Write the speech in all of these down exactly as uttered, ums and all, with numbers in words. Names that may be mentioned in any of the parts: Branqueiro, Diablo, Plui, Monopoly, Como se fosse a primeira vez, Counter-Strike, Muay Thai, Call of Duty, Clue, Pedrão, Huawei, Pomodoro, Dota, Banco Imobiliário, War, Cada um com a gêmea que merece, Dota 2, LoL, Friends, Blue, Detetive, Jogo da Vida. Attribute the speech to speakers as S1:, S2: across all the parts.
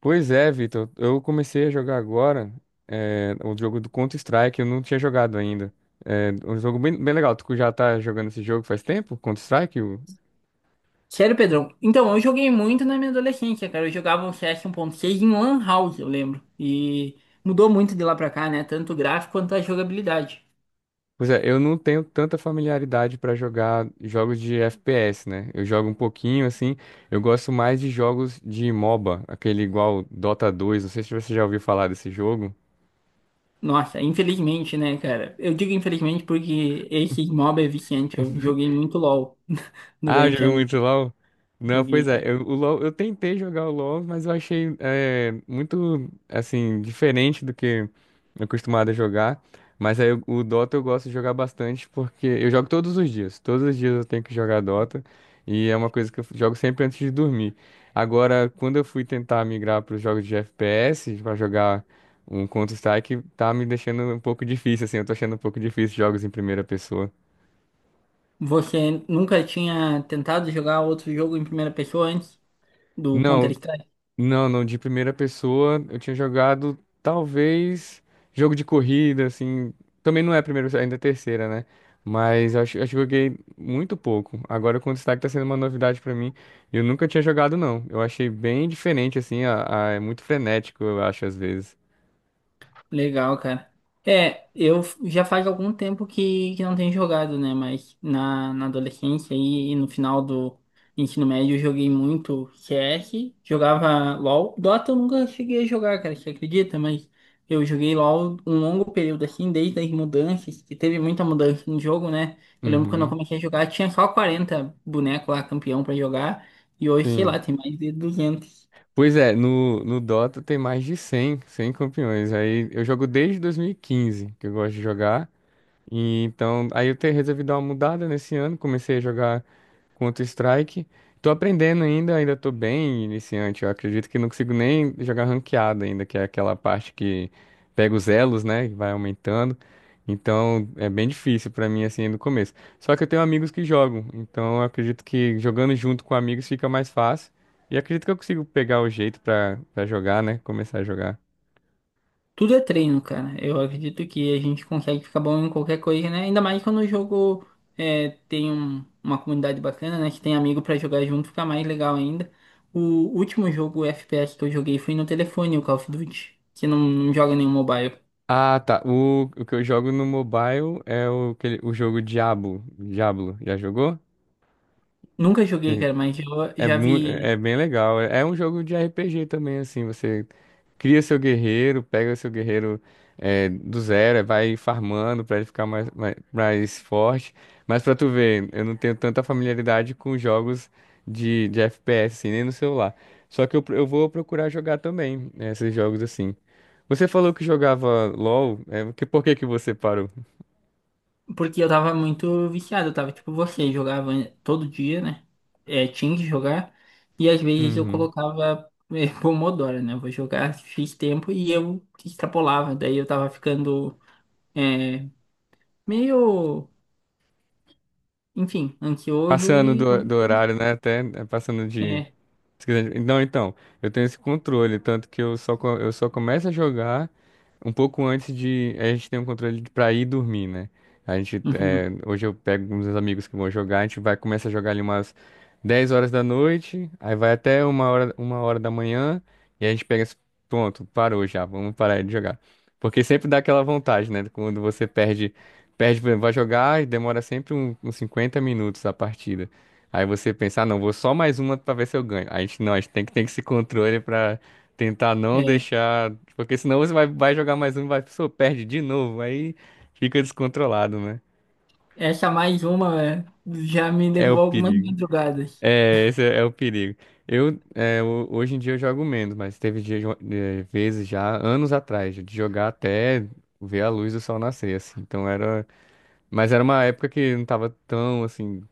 S1: Pois é, Vitor. Eu comecei a jogar agora eh, o jogo do Counter-Strike. Eu não tinha jogado ainda. É um jogo bem, bem legal. Tu já tá jogando esse jogo faz tempo? Counter-Strike? O-
S2: Sério, Pedrão? Então, eu joguei muito na minha adolescência, cara. Eu jogava um C S um ponto seis em Lan House, eu lembro. E mudou muito de lá pra cá, né? Tanto o gráfico quanto a jogabilidade.
S1: Pois é, eu não tenho tanta familiaridade pra jogar jogos de F P S, né? Eu jogo um pouquinho assim. Eu gosto mais de jogos de MOBA, aquele igual Dota dois. Não sei se você já ouviu falar desse jogo.
S2: Nossa, infelizmente, né, cara? Eu digo infelizmente porque esse mob é viciante. Eu joguei muito LoL
S1: Ah,
S2: durante a
S1: jogou
S2: minha.
S1: muito LoL? Não,
S2: Joguei,
S1: pois é,
S2: cara.
S1: eu, o LoL, eu tentei jogar o LoL, mas eu achei é, muito, assim, diferente do que eu acostumado a jogar. Mas aí o o Dota eu gosto de jogar bastante, porque eu jogo todos os dias. Todos os dias eu tenho que jogar Dota, e é uma coisa que eu jogo sempre antes de dormir. Agora, quando eu fui tentar migrar para os jogos de F P S, para jogar um Counter-Strike, tá me deixando um pouco difícil, assim, eu tô achando um pouco difícil jogos em primeira pessoa.
S2: Você nunca tinha tentado jogar outro jogo em primeira pessoa antes do
S1: Não,
S2: Counter-Strike?
S1: não, não, de primeira pessoa eu tinha jogado talvez jogo de corrida, assim. Também não é a primeira, ainda é a terceira, né? Mas eu acho, acho que eu joguei muito pouco. Agora o Counter Strike tá sendo uma novidade pra mim. Eu nunca tinha jogado, não. Eu achei bem diferente, assim, a, a- é muito frenético, eu acho, às vezes.
S2: Legal, cara. É, eu f- já faz algum tempo que, que não tenho jogado, né? Mas na, na adolescência e, e no final do ensino médio eu joguei muito C S, jogava LOL. Dota eu nunca cheguei a jogar, cara, você acredita? Mas eu joguei LOL um longo período assim, desde as mudanças, que teve muita mudança no jogo, né? Eu lembro quando eu
S1: Uhum,
S2: comecei a jogar, tinha só quarenta bonecos lá, campeão pra jogar, e hoje, sei lá,
S1: sim.
S2: tem mais de duzentos.
S1: Pois é, no, no Dota tem mais de cem, cem campeões. Aí eu jogo desde dois mil e quinze, que eu gosto de jogar. E então, aí eu te- resolvi dar uma mudada nesse ano, comecei a jogar. Counter-Strike. Tô aprendendo ainda, ainda tô bem iniciante. Eu acredito que não consigo nem jogar ranqueada ainda, que é aquela parte que pega os elos, né? E vai aumentando. Então é bem difícil pra mim assim no começo. Só que eu tenho amigos que jogam, então eu acredito que jogando junto com amigos fica mais fácil. E acredito que eu consigo pegar o jeito pra para jogar, né? Começar a jogar.
S2: Tudo é treino, cara. Eu acredito que a gente consegue ficar bom em qualquer coisa, né? Ainda mais quando o jogo é, tem um- uma comunidade bacana, né? Que tem amigo pra jogar junto, fica mais legal ainda. O último jogo F P S que eu joguei foi no telefone, o Call of Duty, que não, não joga nenhum mobile.
S1: Ah, tá. O, o que eu jogo no mobile é o, aquele- o jogo Diablo. Diablo, já jogou?
S2: Nunca joguei, cara, mas eu
S1: É,
S2: já
S1: mu- é
S2: vi.
S1: bem legal. É um jogo de R P G também, assim. Você cria seu guerreiro, pega seu guerreiro é, do zero, vai farmando pra ele ficar mais, mais, mais forte. Mas pra tu ver, eu não tenho tanta familiaridade com jogos de, de F P S, assim, nem no celular. Só que eu, pro- eu vou procurar jogar também né, esses jogos assim. Você falou que jogava LOL, é, que, por que que você parou?
S2: Porque eu tava muito viciado, eu tava tipo você, jogava todo dia, né? É, tinha que jogar. E às vezes eu
S1: Uhum.
S2: colocava é, Pomodoro, né? Vou jogar xis tempo e eu extrapolava. Daí eu tava ficando é, meio, enfim, ansioso
S1: Passando
S2: e.
S1: do, do horário, né? Até é, passando de.
S2: É,
S1: Se quiser- Não, então, eu tenho esse controle, tanto que eu só, co- eu só começo a jogar um pouco antes de. A gente tem um controle de- pra ir dormir, né? A gente, é,
S2: uhum,
S1: hoje eu pego uns amigos que vão jogar, a gente vai começa a jogar ali umas dez horas da noite, aí vai até uma hora, uma hora da manhã, e aí a gente pega esse pronto parou já, vamos parar de jogar. Porque sempre dá aquela vontade, né? Quando você perde, perde, por exemplo, vai jogar e demora sempre um- uns cinquenta minutos a partida. Aí você pensa, ah, não, vou só mais uma pra ver se eu ganho. A gente não, a gente tem que ter esse controle pra tentar não
S2: é.
S1: deixar. Porque senão você vai, vai jogar mais uma e vai, pô, perde de novo. Aí fica descontrolado, né?
S2: Essa mais uma é, já me
S1: É o
S2: levou algumas
S1: perigo.
S2: madrugadas.
S1: É, esse é o perigo. Eu, é, ho- hoje em dia eu jogo menos, mas teve dia, jo- eh, vezes já, anos atrás, de jogar até ver a luz do sol nascer, assim. Então era. Mas era uma época que não tava tão, assim.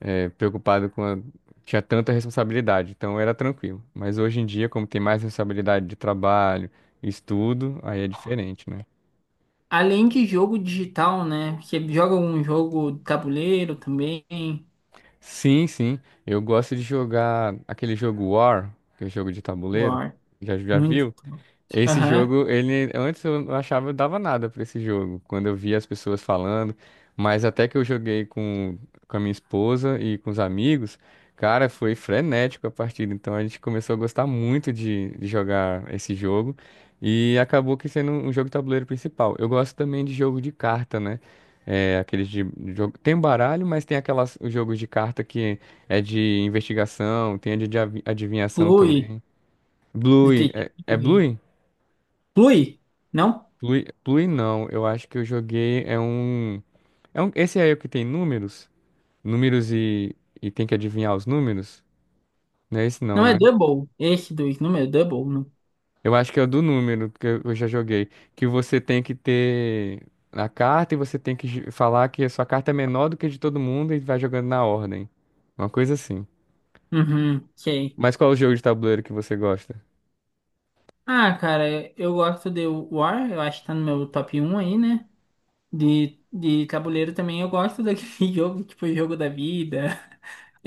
S1: é, preocupado com a... tinha tanta responsabilidade, então era tranquilo. Mas hoje em dia, como tem mais responsabilidade de trabalho, estudo, aí é diferente, né?
S2: Além de jogo digital, né? Você joga algum jogo de tabuleiro também?
S1: Sim, sim. Eu gosto de jogar aquele jogo War, que é jogo de tabuleiro.
S2: War.
S1: Já, já
S2: Muito.
S1: viu? Esse
S2: Aham.
S1: jogo, ele antes eu não achava eu dava nada pra esse jogo, quando eu via as pessoas falando, mas até que eu joguei com, com a minha esposa e com os amigos, cara, foi frenético a partida, então a gente começou a gostar muito de, de jogar esse jogo e acabou que sendo um jogo de tabuleiro principal. Eu gosto também de jogo de carta, né? É, aqueles de jogo. Tem um baralho, mas tem aquelas os jogos de carta que é de investigação, tem a de adivi- adivinhação
S2: Clue.
S1: também. Blue,
S2: Detetive.
S1: é, é Blue?
S2: Clue? Não?
S1: Plui, Plui não, eu acho que eu joguei é um, é um esse aí é o que tem números, números e, e tem que adivinhar os números? Não é esse não,
S2: Não é
S1: né?
S2: Double. Esse dois não é Double, não.
S1: Eu acho que é o do número que eu eu já joguei, que você tem que ter a carta e você tem que ju- falar que a sua carta é menor do que a de todo mundo e vai jogando na ordem. Uma coisa assim.
S2: Uhum, sei.
S1: Mas qual é o jogo de tabuleiro que você gosta?
S2: Ah, cara, eu gosto de War, eu acho que tá no meu top um aí, né? De, de tabuleiro também eu gosto daquele jogo, tipo Jogo da Vida,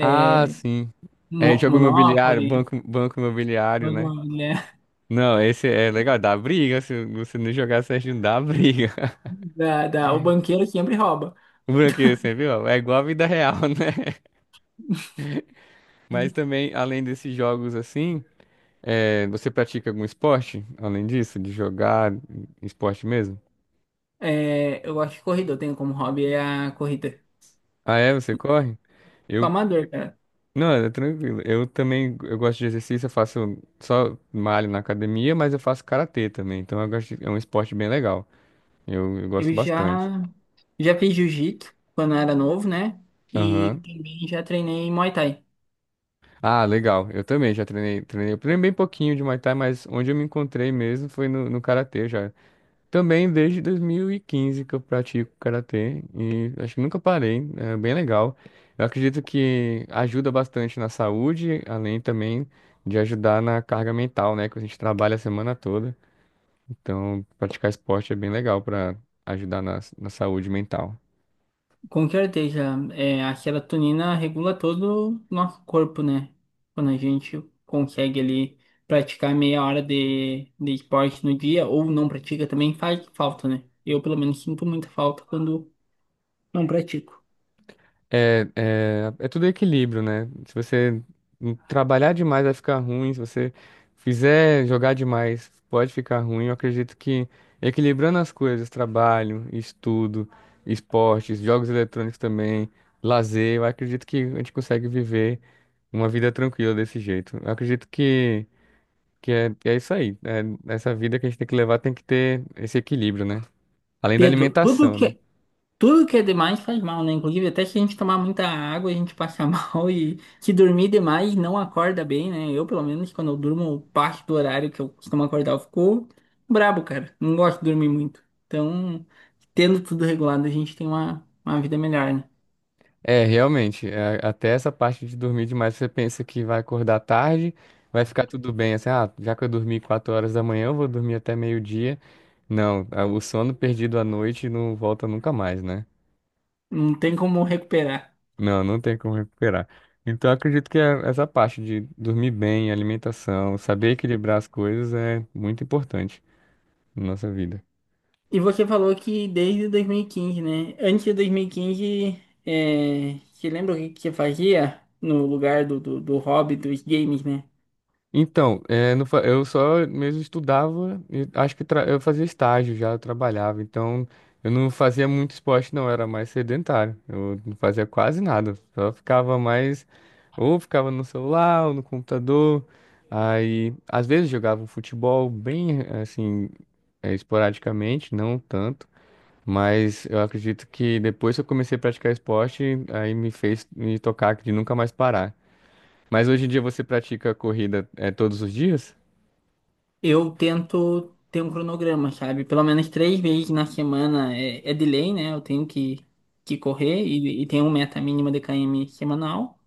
S1: Ah, sim. É
S2: Mo-
S1: jogo imobiliário,
S2: Monopoly,
S1: banco, banco imobiliário,
S2: Banco
S1: né?
S2: Imobiliário,
S1: Não, esse é legal, dá briga. Se você não jogar certinho, dá briga.
S2: da, da, o banqueiro sempre rouba.
S1: O Branqueiro, você viu? É igual a vida real, né? Mas também, além desses jogos assim, é, você pratica algum esporte? Além disso, de jogar esporte mesmo?
S2: É, eu gosto de corrida, eu tenho como hobby é a corrida.
S1: Ah, é? Você corre?
S2: Com
S1: Eu.
S2: amador, cara.
S1: Não, é tranquilo. Eu também eu gosto de exercício, eu faço só malho na academia, mas eu faço karatê também. Então eu gosto de- é um esporte bem legal. Eu, eu gosto
S2: Eu
S1: bastante.
S2: já. Já fiz jiu-jitsu quando era novo, né? E
S1: Aham.
S2: também já treinei Muay Thai.
S1: Ah, legal. Eu também já treinei, treinei. Eu treinei bem pouquinho de Muay Thai, mas onde eu me encontrei mesmo foi no, no karatê já. Também desde dois mil e quinze que eu pratico karatê e acho que nunca parei, é bem legal. Eu acredito que ajuda bastante na saúde, além também de ajudar na carga mental, né, que a gente trabalha a semana toda. Então, praticar esporte é bem legal para ajudar na, na saúde mental.
S2: Com certeza, é, a serotonina regula todo o nosso corpo, né? Quando a gente consegue ali praticar meia hora de, de esporte no dia ou não pratica também faz falta, né? Eu, pelo menos, sinto muita falta quando não pratico.
S1: É, é, é tudo equilíbrio, né? Se você trabalhar demais vai ficar ruim, se você fizer jogar demais pode ficar ruim. Eu acredito que equilibrando as coisas, trabalho, estudo, esportes, jogos eletrônicos também, lazer, eu acredito que a gente consegue viver uma vida tranquila desse jeito. Eu acredito que, que é, que é isso aí. É, essa vida que a gente tem que levar tem que ter esse equilíbrio, né? Além da
S2: Pedro, tudo
S1: alimentação, né?
S2: que, tudo que é demais faz mal, né? Inclusive, até se a gente tomar muita água, a gente passa mal e se dormir demais não acorda bem, né? Eu, pelo menos, quando eu durmo parte do horário que eu costumo acordar, eu fico brabo, cara. Não gosto de dormir muito. Então, tendo tudo regulado, a gente tem uma, uma vida melhor, né?
S1: É, realmente, é, até essa parte de dormir demais, você pensa que vai acordar tarde, vai ficar tudo bem, assim, ah, já que eu dormi quatro horas da manhã, eu vou dormir até meio-dia. Não, a- o sono perdido à noite não volta nunca mais, né?
S2: Não tem como recuperar.
S1: Não, não tem como recuperar. Então, eu acredito que é essa parte de dormir bem, alimentação, saber equilibrar as coisas é muito importante na nossa vida.
S2: E você falou que desde dois mil e quinze, né? Antes de dois mil e quinze, é... você lembra o que que você fazia no lugar do, do, do hobby dos games, né?
S1: Então, é, não fa- eu só mesmo estudava, e acho que tra- eu fazia estágio já, eu trabalhava, então eu não fazia muito esporte não, eu era mais sedentário, eu não fazia quase nada, só ficava mais, ou ficava no celular, ou no computador, aí às vezes jogava um futebol bem assim, é, esporadicamente, não tanto, mas eu acredito que depois que eu comecei a praticar esporte, aí me fez me tocar de nunca mais parar. Mas hoje em dia você pratica corrida é, todos os dias?
S2: Eu tento ter um cronograma, sabe? Pelo menos três vezes na semana é, é de lei, né? Eu tenho que, que correr e, e tenho uma meta mínima de quilômetros semanal.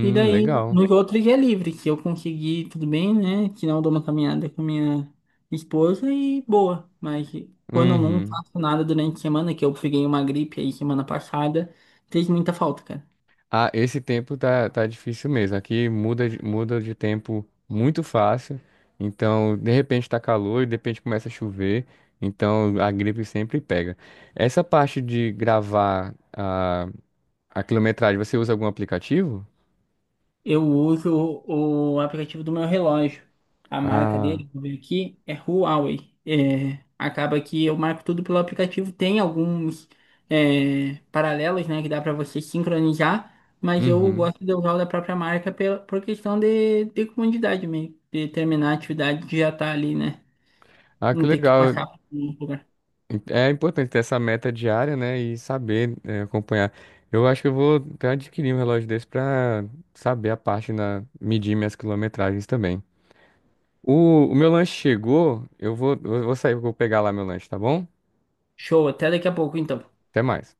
S2: E daí,
S1: legal.
S2: nos outros é livre. Se eu conseguir, tudo bem, né? Se não, eu dou uma caminhada com a minha esposa e boa. Mas quando eu não
S1: Uhum.
S2: faço nada durante a semana, que eu peguei uma gripe aí semana passada, fez muita falta, cara.
S1: Ah, esse tempo tá, tá difícil mesmo. Aqui muda, de- muda de tempo muito fácil. Então, de repente tá calor e de repente começa a chover. Então, a gripe sempre pega. Essa parte de gravar a, a quilometragem, você usa algum aplicativo?
S2: Eu uso o aplicativo do meu relógio. A marca
S1: Ah,
S2: dele, vou ver aqui, é Huawei. É, acaba que eu marco tudo pelo aplicativo. Tem alguns é, paralelos, né, que dá para você sincronizar, mas eu
S1: uhum.
S2: gosto de usar o da própria marca pela, por questão de, de comodidade mesmo, de terminar a atividade que já tá ali, né?
S1: Ah, que
S2: Não ter que
S1: legal.
S2: passar por um lugar.
S1: É importante ter essa meta diária, né? E saber, é, acompanhar. Eu acho que eu vou até adquirir um relógio desse pra saber a parte na medir minhas quilometragens também. O, o meu lanche chegou, eu vou, eu vou sair, eu vou pegar lá meu lanche, tá bom?
S2: Show, até daqui a pouco, então.
S1: Até mais.